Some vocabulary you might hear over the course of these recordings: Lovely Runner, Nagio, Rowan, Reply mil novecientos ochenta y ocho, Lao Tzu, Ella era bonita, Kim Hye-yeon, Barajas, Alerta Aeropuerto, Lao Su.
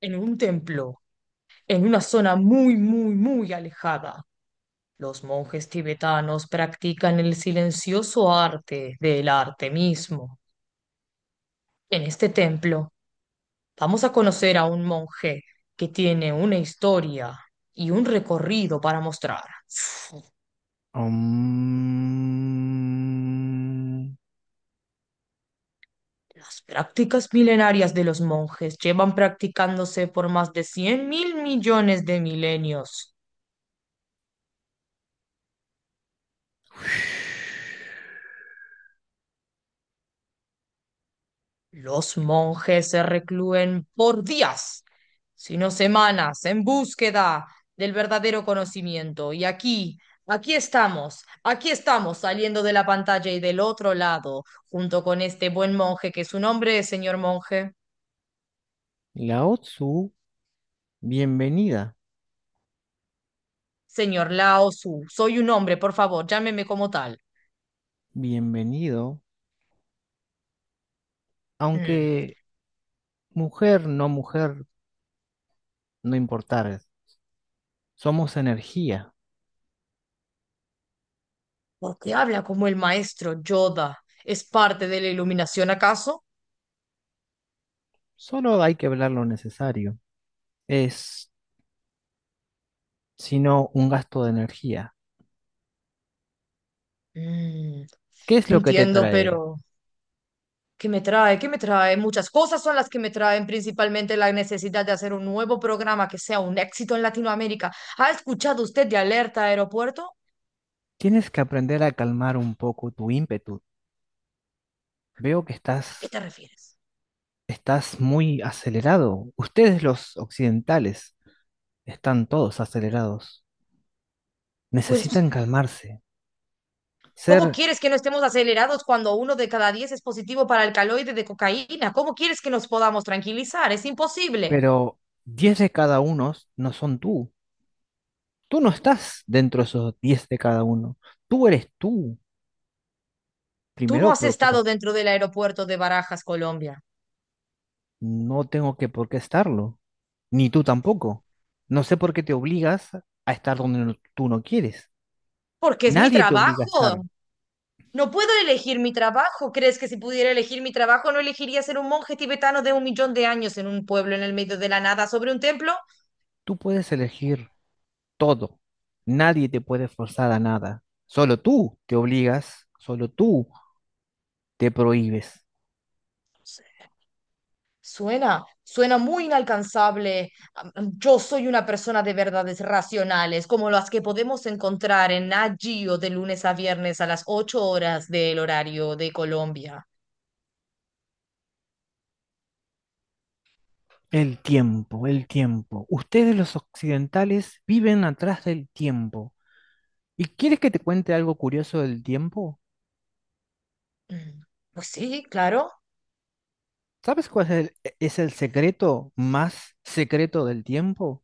En un templo, en una zona muy, muy, muy alejada, los monjes tibetanos practican el silencioso arte del arte mismo. En este templo vamos a conocer a un monje que tiene una historia y un recorrido para mostrar. Um, Las prácticas milenarias de los monjes llevan practicándose por más de 100 mil millones de milenios. Los monjes se reclúen por días, sino semanas, en búsqueda del verdadero conocimiento. Y aquí, aquí estamos saliendo de la pantalla y del otro lado, junto con este buen monje, que su nombre es señor monje, Lao Tzu, bienvenida, señor Lao Su. Soy un hombre, por favor, llámeme como tal. bienvenido, Mm, aunque mujer, no importar, somos energía, ¿Por qué habla como el maestro Yoda? ¿Es parte de la iluminación acaso? solo hay que hablar lo necesario, es sino un gasto de energía. Mm, ¿Qué es lo que te Entiendo, trae? pero... que me trae muchas cosas son las que me traen, principalmente la necesidad de hacer un nuevo programa que sea un éxito en Latinoamérica. ¿Ha escuchado usted de Alerta Aeropuerto? Tienes que aprender a calmar un poco tu ímpetu. Veo que estás, ¿A qué te refieres? estás muy acelerado. Ustedes los occidentales están todos acelerados. Pues, Necesitan calmarse. ¿cómo ser, quieres que no estemos acelerados cuando 1 de cada 10 es positivo para el caloide de cocaína? ¿Cómo quieres que nos podamos tranquilizar? Es imposible. pero 10 de cada uno no son tú. Tú no estás dentro de esos 10 de cada uno. Tú eres tú. Tú Primero no has estado preocupa. dentro del aeropuerto de Barajas, Colombia. No tengo que por qué estarlo. Ni tú tampoco. No sé por qué te obligas a estar donde tú no quieres. Porque es mi Nadie te obliga a estar. trabajo. No puedo elegir mi trabajo. ¿Crees que si pudiera elegir mi trabajo no elegiría ser un monje tibetano de 1 millón de años en un pueblo en el medio de la nada sobre un templo? Tú puedes elegir todo. Nadie te puede forzar a nada. Solo tú te obligas, solo tú te prohíbes. Suena muy inalcanzable. Yo soy una persona de verdades racionales, como las que podemos encontrar en Nagio de lunes a viernes a las 8:00 del horario de Colombia. El tiempo, el tiempo. Ustedes los occidentales viven atrás del tiempo. ¿Y quieres que te cuente algo curioso del tiempo? Mm, Pues sí, claro. ¿Sabes cuál es es el secreto más secreto del tiempo?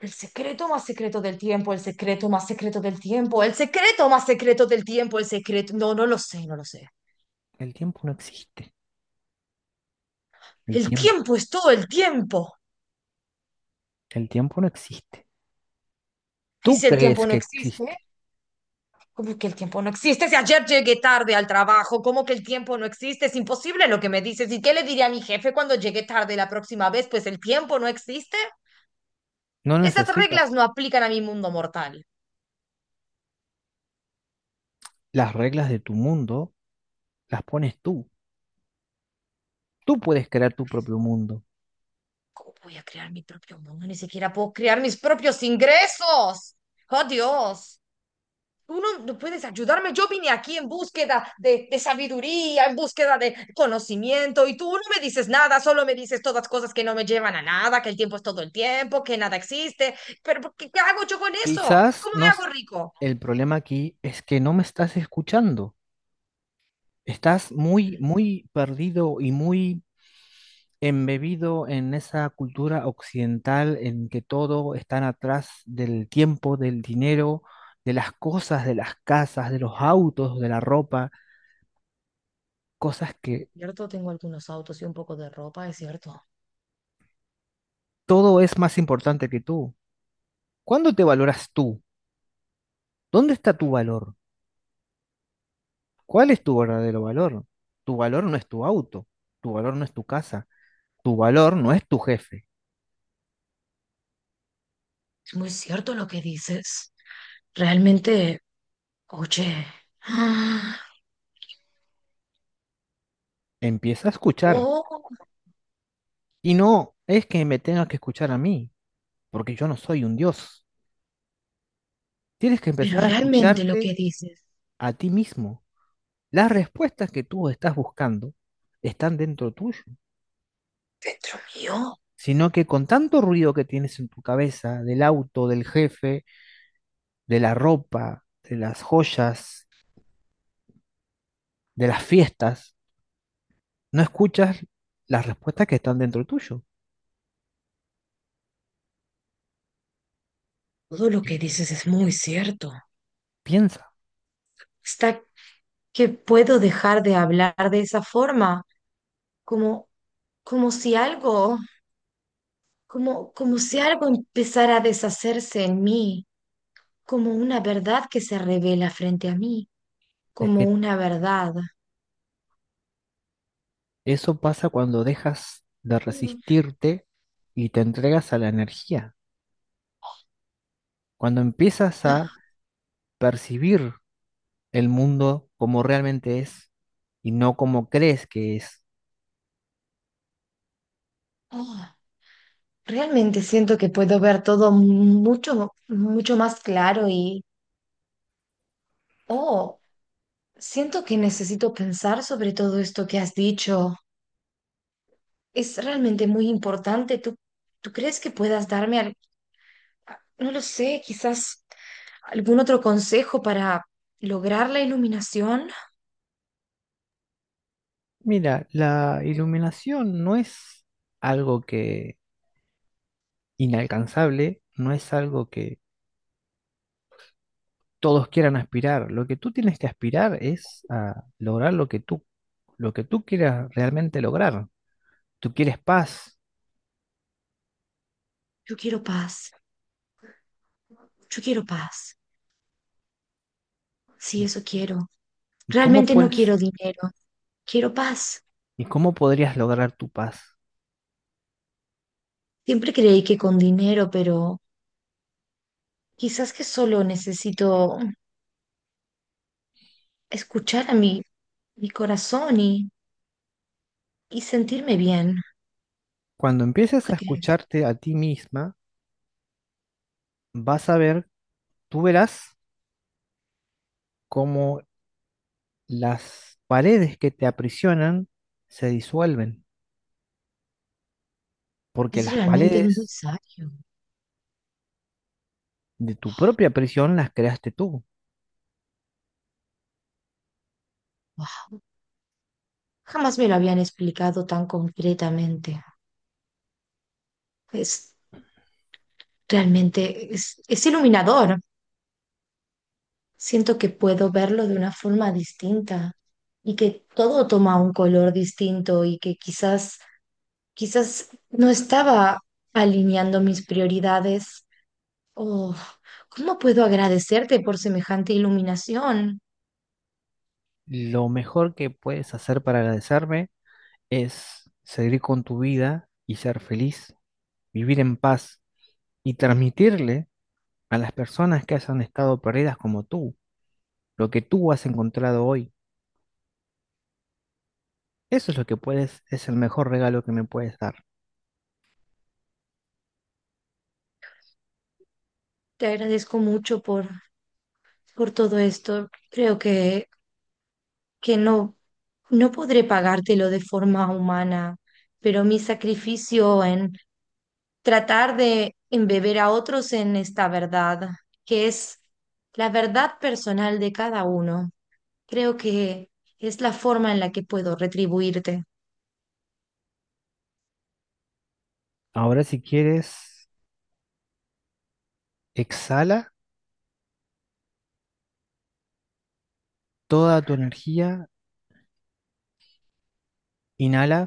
El secreto más secreto del tiempo, el secreto más secreto del tiempo, el secreto más secreto del tiempo, el secreto... No, no lo sé, no lo sé. El tiempo no existe. El El tiempo, tiempo es todo el tiempo. el tiempo no existe. Y Tú si el crees tiempo no que existe, existe. ¿cómo que el tiempo no existe? Si ayer llegué tarde al trabajo, ¿cómo que el tiempo no existe? Es imposible lo que me dices. ¿Y qué le diré a mi jefe cuando llegue tarde la próxima vez? Pues el tiempo no existe. No Esas reglas necesitas no aplican a mi mundo mortal. las reglas de tu mundo, las pones tú. Tú puedes crear tu propio mundo. ¿Cómo voy a crear mi propio mundo? Ni siquiera puedo crear mis propios ingresos. ¡Oh, Dios! Uno no puedes ayudarme. Yo vine aquí en búsqueda de sabiduría, en búsqueda de conocimiento, y tú no me dices nada, solo me dices todas cosas que no me llevan a nada, que el tiempo es todo el tiempo, que nada existe. Pero ¿qué hago yo con eso? Quizás ¿Cómo no, s- me hago rico? El problema aquí es que no me estás escuchando. Estás muy, muy perdido y muy embebido en esa cultura occidental en que todo está atrás del tiempo, del dinero, de las cosas, de las casas, de los autos, de la ropa, cosas que Cierto, tengo algunos autos y un poco de ropa, es cierto. todo es más importante que tú. ¿Cuándo te valoras tú? ¿Dónde está tu valor? ¿Cuál es tu verdadero valor? Tu valor no es tu auto, tu valor no es tu casa, tu valor no es tu jefe. Es muy cierto lo que dices. Realmente, oye, ah, Empieza a escuchar. oh, Y no es que me tengas que escuchar a mí, porque yo no soy un dios. Tienes que pero empezar a realmente lo escucharte que dices, a ti mismo. Las respuestas que tú estás buscando están dentro tuyo, dentro mío, sino que con tanto ruido que tienes en tu cabeza, del auto, del jefe, de la ropa, de las joyas, de las fiestas, no escuchas las respuestas que están dentro tuyo. todo lo que dices es muy cierto. Piensa, Está que puedo dejar de hablar de esa forma, como, como si algo, como si algo empezara a deshacerse en mí, como una verdad que se revela frente a mí, es como que una verdad. eso pasa cuando dejas de Mm. resistirte y te entregas a la energía, cuando empiezas a Ah, percibir el mundo como realmente es y no como crees que es. oh, realmente siento que puedo ver todo mucho, mucho más claro y, oh, siento que necesito pensar sobre todo esto que has dicho. Es realmente muy importante. ¿Tú crees que puedas darme, no lo sé, quizás algún otro consejo para lograr la iluminación? Mira, la iluminación no es algo que inalcanzable, no es algo que todos quieran aspirar. Lo que tú tienes que aspirar es a lograr lo que lo que tú quieras realmente lograr. Tú quieres paz. Yo quiero paz, yo quiero paz. Sí, eso quiero. ¿Y cómo Realmente no puedes? quiero dinero, quiero paz. ¿Y cómo podrías lograr tu paz? Siempre creí que con dinero, pero quizás que solo necesito escuchar a mi corazón y sentirme bien. Cuando ¿Tú empieces a qué crees? escucharte a ti misma, vas a ver, tú verás cómo las paredes que te aprisionan se disuelven, porque Es las realmente muy paredes sabio. de tu propia prisión las creaste tú. Wow. Jamás me lo habían explicado tan completamente. Es realmente, es iluminador. Siento que puedo verlo de una forma distinta y que todo toma un color distinto y que quizás, quizás no estaba alineando mis prioridades. Oh, ¿cómo puedo agradecerte por semejante iluminación? Lo mejor que puedes hacer para agradecerme es seguir con tu vida y ser feliz, vivir en paz y transmitirle a las personas que hayan estado perdidas como tú lo que tú has encontrado hoy. Eso es lo que puedes, es el mejor regalo que me puedes dar. Te agradezco mucho por todo esto. Creo que no podré pagártelo de forma humana, pero mi sacrificio en tratar de embeber a otros en esta verdad, que es la verdad personal de cada uno, creo que es la forma en la que puedo retribuirte. Ahora si quieres, exhala toda tu energía, inhala